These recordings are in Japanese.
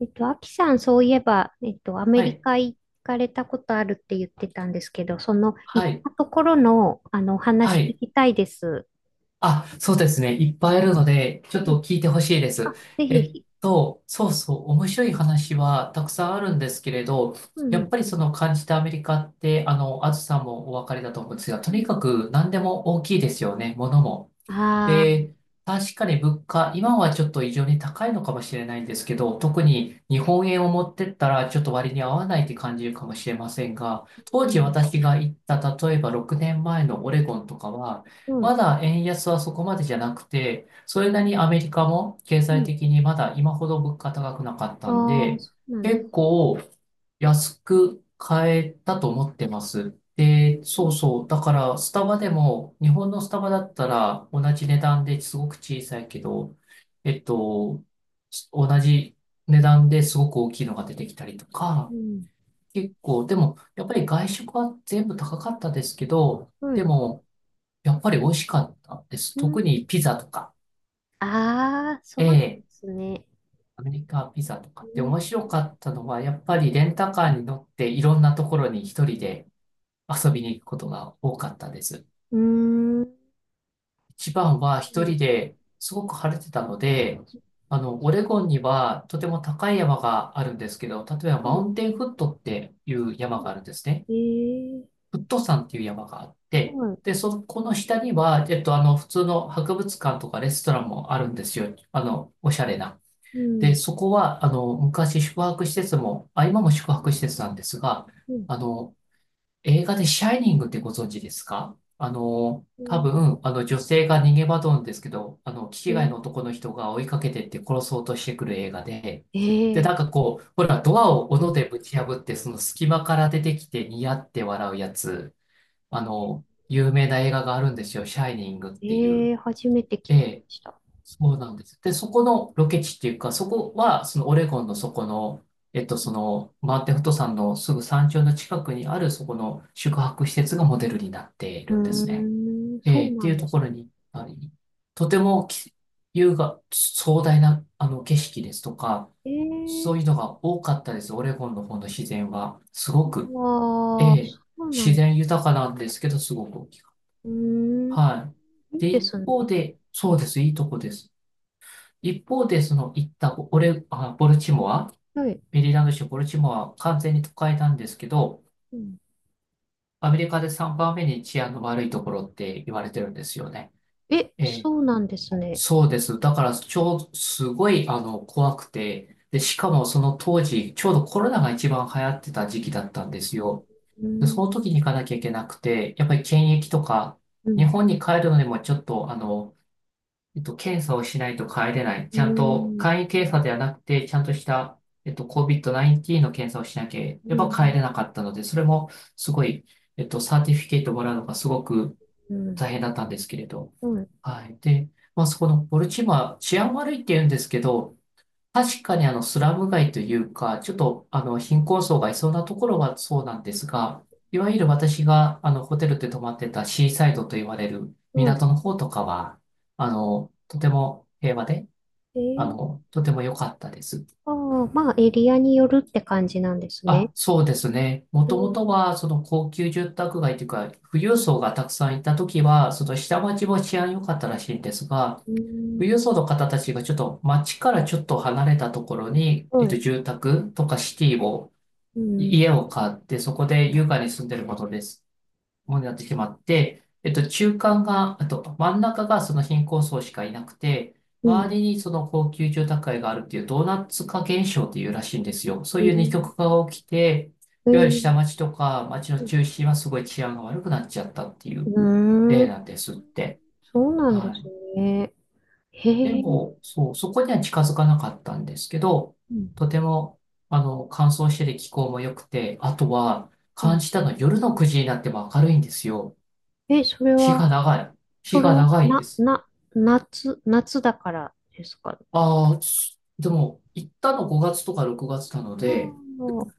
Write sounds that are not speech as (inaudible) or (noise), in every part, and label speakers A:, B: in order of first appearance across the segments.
A: アキさん、そういえば、アメ
B: は
A: リ
B: い、
A: カ行かれたことあるって言ってたんですけど、その行
B: は
A: っ
B: い、
A: たところの、お
B: は
A: 話聞
B: い。
A: きたいです。
B: あ、そうですね。いっぱいあるので、ちょっ
A: うん。
B: と聞いてほしいで
A: あ、
B: す。
A: ぜひぜ
B: えっ
A: ひ。
B: そうそう、面白い話はたくさんあるんですけれど、
A: う
B: やっ
A: ん
B: ぱりその感じたアメリカって、あずさんもお分かりだと思うんですが、
A: う
B: とに
A: ん。
B: かく何でも大きいですよね、ものも。
A: あ
B: で、
A: あ、
B: 確かに物価、今はちょっと異常に高いのかもしれないんですけど、特に日本円を持ってったらちょっと割に合わないって感じるかもしれませんが、当
A: う
B: 時
A: ん、
B: 私が行った、例えば6年前のオレゴンとかは、
A: う
B: ま
A: ん、
B: だ円安はそこまでじゃなくて、それなりにアメリカも経
A: う
B: 済
A: ん。
B: 的にまだ今ほど物価高くなかっ
A: あ
B: たん
A: あ、
B: で、
A: そうなんで
B: 結
A: す。
B: 構安く買えたと思ってます。
A: う
B: で、そう
A: ん
B: そう。だから、スタバでも、日本のスタバだったら、同じ値段ですごく小さいけど、えっと、同じ値段ですごく大きいのが出てきたりと
A: う
B: か、
A: ん、
B: 結構、でも、やっぱり外食は全部高かったですけど、
A: うんは
B: で
A: い。
B: も、やっぱり美味しかったです。
A: うん、
B: 特にピザとか、
A: ああ、そう
B: え
A: なんで
B: え、
A: すね。
B: アメリカピザとかって
A: う
B: 面白かったのは、やっぱりレンタカーに乗っていろんなところに一人で遊びに行くことが多かったです。
A: ん、うー
B: 一番は一
A: ん、
B: 人ですごく晴れてたので、オレゴンにはとても高い山があるんですけど、例えば
A: は
B: マ
A: い。
B: ウンテンフットっていう山があるんですね。
A: ええ
B: フット山っていう山があっ
A: ー、
B: て、
A: はい。
B: で、そこの下には、普通の博物館とかレストランもあるんですよ。おしゃれな。
A: う
B: で、
A: ん、
B: そこは、昔宿泊施設も、あ、今も宿泊施設なんですが、
A: うん、
B: あの、映画でシャイニングってご存知ですか？
A: う
B: 多
A: ん
B: 分、あの女性が逃げ惑うんですけど、気違いの
A: え
B: 男の人が追いかけてって殺そうとしてくる映画で、
A: え
B: で、な
A: ー
B: んかこう、ほら、ドアを斧でぶち破って、その隙間から出てきてニヤって笑うやつ、有名な映画があるんですよ、シャイニングってい
A: え
B: う。
A: え初めて聞
B: え
A: きま
B: え、
A: した。
B: そうなんです。で、そこのロケ地っていうか、そこは、そのオレゴンのそこの、その、マーテンフット山のすぐ山頂の近くにある、そこの宿泊施設がモデルになってい
A: う
B: るんです
A: ー
B: ね。
A: ん、そ
B: え
A: う
B: ーっ
A: な
B: てい
A: ん
B: う
A: で
B: と
A: す。
B: ころに、ありとてもき優雅、壮大な、景色ですとか、そういうの
A: ええ
B: が多かったです。オレゴンの方の自然は。すごく、
A: ああー、
B: えー
A: そうな
B: 自
A: んです。
B: 然豊かなんですけど、すごく大きい。
A: うーん、
B: はい。
A: いい
B: で、
A: で
B: 一
A: す
B: 方
A: ね。
B: で、そうです。いいとこです。一方で、その行ったオレ、あ、ボルチモア、
A: はい。
B: メリーランド州ボルチモアは完全に都会なんですけど、
A: うん、
B: アメリカで3番目に治安の悪いところって言われてるんですよね。
A: え、
B: ええ、
A: そうなんですね。
B: そうです。だから、超、すごい、怖くて、で、しかもその当時、ちょうどコロナが一番流行ってた時期だったんです
A: うん、
B: よ。
A: う
B: で、そ
A: ん、
B: の時に行かなきゃいけなくて、やっぱり検疫とか、
A: う
B: 日
A: ん、
B: 本に帰るのにもちょっと、検査をしないと帰れない。
A: う
B: ちゃんと、
A: ん、
B: 簡易検査ではなくて、ちゃんとした、COVID-19 の検査をしなけ
A: う
B: れば帰
A: ん、
B: れなかったので、それもすごい、サーティフィケートもらうのがすごく
A: うん、
B: 大変だったんですけれど。
A: うん、
B: はい。で、まあ、そこのボルチモア、治安悪いって言うんですけど、確かにあのスラム街というか、ちょっとあの貧困層がいそうなところはそうなんですが、いわゆる私があのホテルで泊まってたシーサイドと言われる
A: はい。
B: 港の方とかは、とても平和で、
A: ええ
B: とても良かったです。
A: ああまあ、エリアによるって感じなんです
B: あ、
A: ね。
B: そうですね。も
A: う
B: ともと
A: ん、
B: はその高級住宅街というか、富裕層がたくさんいた時は、その下町も治安良かったらしいんですが、
A: う
B: 富
A: ん、
B: 裕層の方たちがちょっと街からちょっと離れたところに、
A: はい。
B: 住宅とかシティを
A: うん、
B: 家を買って、そこで優雅に住んでることです。ものになってしまって、中間が、あと、真ん中がその貧困層しかいなくて、
A: う
B: 周
A: ん、
B: りにその高級住宅街があるっていうドーナツ化現象っていうらしいんですよ。そう
A: ええ
B: いう二極化が起きて、
A: え
B: いわゆる
A: え
B: 下町とか町の中心はすごい治安が悪くなっちゃったってい
A: う
B: う
A: ー
B: 例
A: ん
B: なんですって。
A: そうなんで
B: は
A: す
B: い。
A: ね。
B: で
A: へえ。
B: も、そう、そこには近づかなかったんですけど、
A: うん
B: とても、乾燥してて気候も良くて、あとは、
A: う
B: 感
A: ん
B: じたのは夜の9時になっても明るいんですよ。
A: え、それ
B: 日
A: は、
B: が長い。
A: そ
B: 日
A: れ
B: が
A: は、
B: 長いんで
A: な、
B: す。
A: な、夏、夏だからですか？
B: ああ、でも、行ったの5月とか6月なの
A: あ
B: で、
A: あ、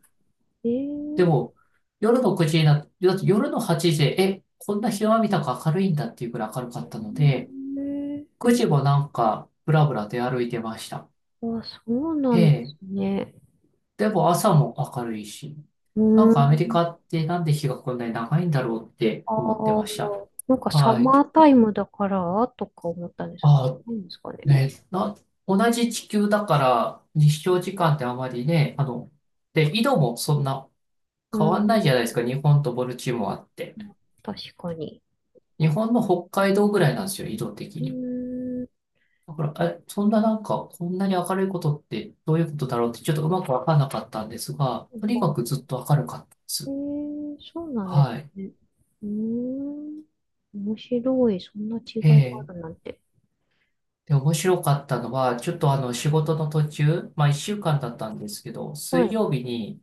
A: え
B: で
A: ー、
B: も、夜の9時になって、だって夜の8時で、え、こんな日は見たか明るいんだっていうくらい明るかったので、
A: えー、
B: 9
A: え、
B: 時もなんか、ぶらぶら出歩いてました。
A: あ、そうなんで
B: え
A: す
B: え、
A: ね。
B: でも朝も明るいし、
A: う
B: な
A: ー
B: んかアメリ
A: ん、
B: カってなんで日がこんなに長いんだろうって
A: あ
B: 思って
A: あ、
B: ました。
A: なんかサ
B: は
A: マー
B: い。
A: タイムだからとか思ったんですけ
B: あ、
A: ど、なんですかね。
B: ね、な、同じ地球だから日照時間ってあまりね、で、緯度もそんな
A: うー
B: 変わんな
A: ん、
B: いじゃないですか。日本とボルチモアって。
A: 確かに。
B: 日本の北海道ぐらいなんですよ、緯度的
A: う
B: に。
A: ーん、
B: だから、え、そんななんか、こんなに明るいことってどういうことだろうってちょっとうまくわかんなかったんですが、
A: ま
B: とに
A: あ
B: かくずっと明るかったで
A: え
B: す。
A: ー、そうなんで
B: はい。
A: すね。うーん。面白い。そんな違いがあ
B: ええ、
A: るなんて。
B: で、面白かったのは、ちょっとあの、仕事の途中、まあ、一週間だったんですけど、
A: は
B: 水
A: い。
B: 曜日に、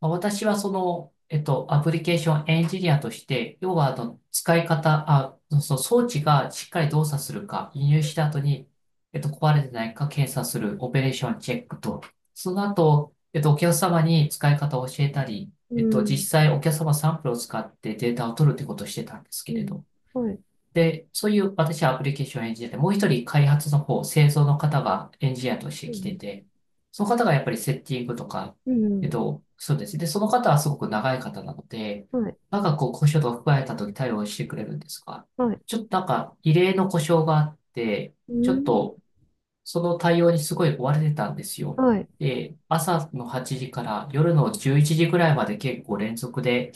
B: まあ、私はその、アプリケーションエンジニアとして、要はあの、使い方、あ、その装置がしっかり動作するか、輸入した後に、壊れてないか検査するオペレーションチェックと、その後、お客様に使い方を教えたり、
A: うん。
B: 実際お客様サンプルを使ってデータを取るってことをしてたんですけ
A: う
B: れ
A: ん。
B: ど、
A: はい。
B: で、そういう私はアプリケーションを演じてて、もう一人開発の方、製造の方がエンジニアとして
A: う
B: 来て
A: ん。
B: て、その方がやっぱりセッティングとか、
A: うん。
B: そうです。で、その方はすごく長い方なので、
A: はい。
B: なんかこう故障とか含まれた時対応してくれるんですが、
A: はい。
B: ちょっとなんか異例の故障があって、
A: う
B: ちょっ
A: ん。
B: とその対応にすごい追われてたんですよ。
A: はい。
B: で、朝の8時から夜の11時ぐらいまで結構連続で、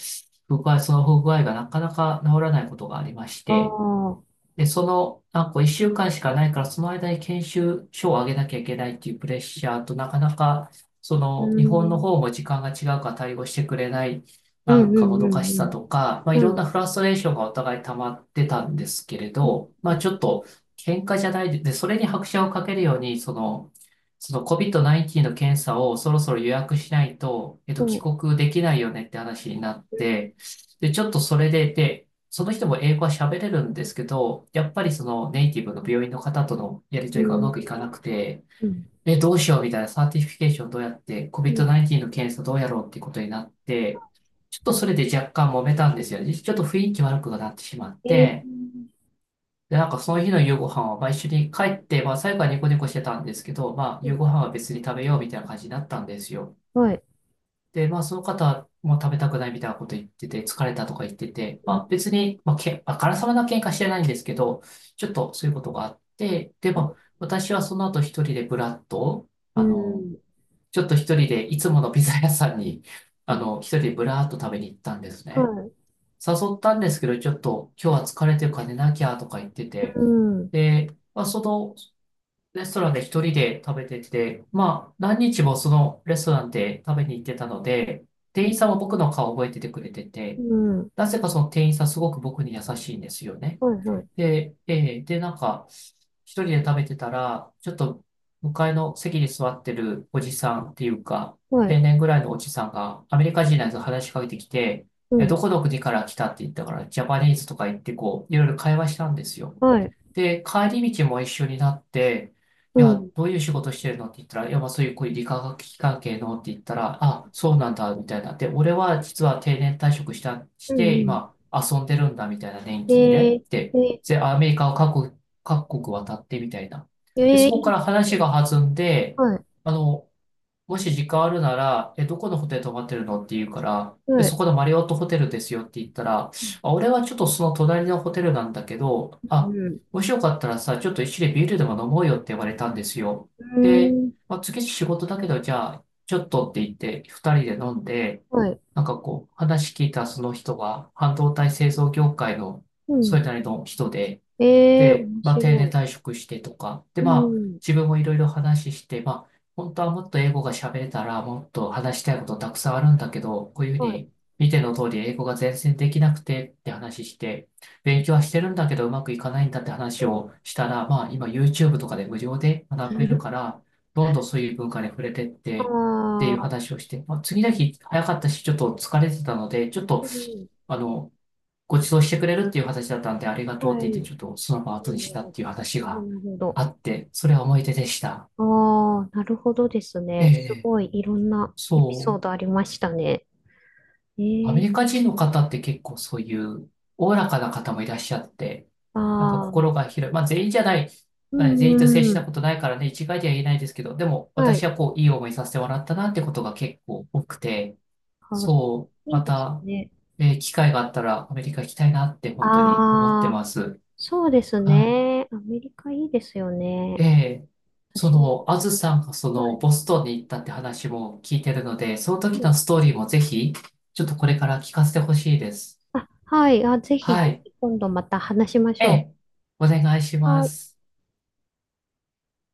B: 不具合、その不具合がなかなか治らないことがありまし
A: あ
B: て。
A: あ。
B: で、その、なんか1週間しかないから、その間に研修書を上げなきゃいけないっていうプレッシャーと、なかなか、そ
A: う
B: の、日本の
A: ん。
B: 方も時間が違うから対応してくれない、
A: う
B: なん
A: んう
B: かも
A: んう
B: どかしさ
A: ん
B: とか、まあ、
A: う
B: い
A: ん。
B: ろん
A: はい。
B: なフラストレーションがお互い溜まってたんですけれ
A: うん
B: ど、まあ、
A: う
B: ちょっと、喧嘩じゃないで、でそれに拍車をかけるように、その、その COVID-19 の検査をそろそろ予約しないと、
A: んは
B: 帰
A: い。
B: 国できないよねって話になって、で、ちょっとそれで、で、その人も英語は喋れるんですけど、やっぱりそのネイティブの病院の方とのやり
A: う
B: 取りがう
A: ん。
B: まくいかなくて、
A: うん。
B: え、どうしようみたいなサーティフィケーションどうやって、
A: うん。
B: COVID-19 の検査どうやろうっていうことになって、ちょっとそれで若干揉めたんですよね。ちょっと雰囲気悪くなってしまっ
A: え
B: て、
A: ー。
B: で、なんかその日の夕ご飯は、まあ、一緒に帰って、まあ最後はニコニコしてたんですけど、まあ
A: う
B: 夕
A: ん
B: ご飯は別に食べようみたいな感じになったんですよ。
A: はい。
B: で、まあ、その方も食べたくないみたいなこと言ってて、疲れたとか言ってて、ま
A: う
B: あ、
A: ん。
B: 別に、まあ、まあからさまな喧嘩してないんですけど、ちょっとそういうことがあって、で、まあ、私はその後一人でブラッと、
A: う
B: あの、
A: ん。
B: ちょっと一人でいつものピザ屋さんに、(laughs)
A: うん
B: 一人でブラーっと食べに行ったんです
A: は
B: ね。
A: い。
B: 誘ったんですけど、ちょっと今日は疲れてるから寝なきゃとか言ってて、
A: うん。
B: で、まあ、その、レストランで一人で食べてて、まあ、何日もそのレストランで食べに行ってたので、店員さんは僕の顔を覚えててくれて
A: う
B: て、
A: ん。
B: なぜかその店員さんすごく僕に優しいんですよね。
A: はい。はい。
B: で、で、なんか、一人で食べてたら、ちょっと向かいの席に座ってるおじさんっていうか、
A: はい。
B: 定年ぐらいのおじさんが、アメリカ人のやつが話しかけてきて、
A: う
B: え、ど
A: ん。
B: こどこから来たって言ったから、ジャパニーズとか言って、こう、いろいろ会話したんですよ。
A: はい。
B: で、帰り道も一緒になって、
A: う
B: いや、
A: ん。
B: どういう仕事してるのって言ったら、いや、まあそういう、こういう理化学機関系のって言ったら、あ、そうなんだ、みたいな。で、俺は実は定年退職した、し
A: うん
B: て、
A: うん。
B: 今、遊んでるんだ、みたいな、年金
A: へ
B: で。
A: え、
B: で
A: え、
B: で、アメリカを各国渡ってみたいな。で、
A: ええ
B: そ
A: い
B: こか
A: いで
B: ら
A: すね。
B: 話が弾んで、
A: はい。
B: あの、もし時間あるなら、え、どこのホテル泊まってるのって言うから、で、
A: は
B: そ
A: い。
B: このマリオットホテルですよって言ったら、
A: う
B: あ、俺はちょっとその隣のホテルなんだけど、あ、
A: ん。
B: もしよかったらさ、ちょっと一緒にビールでも飲もうよって言われたんですよ。
A: うー
B: で、
A: ん。
B: まあ、次仕事だけど、じゃあ、ちょっとって言って、二人で飲んで、
A: はい。
B: なんかこう、話聞いたその人が、半導体製造業界の、
A: う
B: そ
A: ん。
B: れなりの人で、
A: ええ
B: で、
A: 面
B: まあ、定年
A: 白
B: 退職してとか、で、
A: い。う
B: まあ、
A: ん。
B: 自分もいろいろ話して、まあ、本当はもっと英語が喋れたら、もっと話したいことたくさんあるんだけど、こういうふう
A: はい。
B: に、見ての通り英語が全然できなくてって話して、勉強はしてるんだけどうまくいかないんだって
A: う
B: 話
A: ん。
B: をしたら、まあ、今 YouTube とかで無料で学べるか
A: (laughs)
B: ら、どんどんそういう文化に触れてっ
A: あ
B: て、っていう
A: あ。
B: 話をして、まあ、次の日早かったし、ちょっと疲れてたので、ちょっと、
A: うん。
B: あの、ご馳走してくれるっていう形だったんで、ありが
A: は
B: とうっ
A: い。
B: て言って、ちょっとその場を
A: う
B: 後に
A: ん。
B: したっていう話
A: な
B: が
A: るほ
B: あ
A: ど。
B: って、それは思い出でした。
A: ああ、なるほどです
B: ええ、
A: ね。
B: え
A: す
B: え
A: ごいいろんなエピ
B: そ
A: ソー
B: う。
A: ドありましたね。
B: ア
A: え
B: メ
A: え
B: リカ人の方って結構そういうおおらかな方もいらっしゃって、なんか
A: あ
B: 心
A: あ。
B: が広い。まあ全員じゃない。
A: う
B: まあ全員と接
A: ん
B: し
A: う
B: た
A: ん。
B: ことないからね、一概では言えないですけど、でも
A: は
B: 私
A: い。
B: はこう、いい思いさせてもらったなってことが結構多くて、
A: あ、
B: そう、
A: いい
B: ま
A: です
B: た、
A: ね。
B: 機会があったらアメリカ行きたいなって本当に思って
A: ああ。
B: ます。
A: そうです
B: はい。
A: ね。アメリカいいですよ
B: え
A: ね。
B: え、そ
A: 私も。
B: の、あずさんがそ
A: は
B: の、
A: い。
B: ボストンに行ったって話も聞いてるので、その
A: も
B: 時の
A: う
B: ストーリーもぜひ、ちょっとこれから聞かせてほしいです。
A: あ、はい。あ、ぜひ、
B: は
A: ぜ
B: い。
A: ひ今度また話しまし
B: え
A: ょ
B: え、お願いし
A: う。
B: ま
A: はい。
B: す。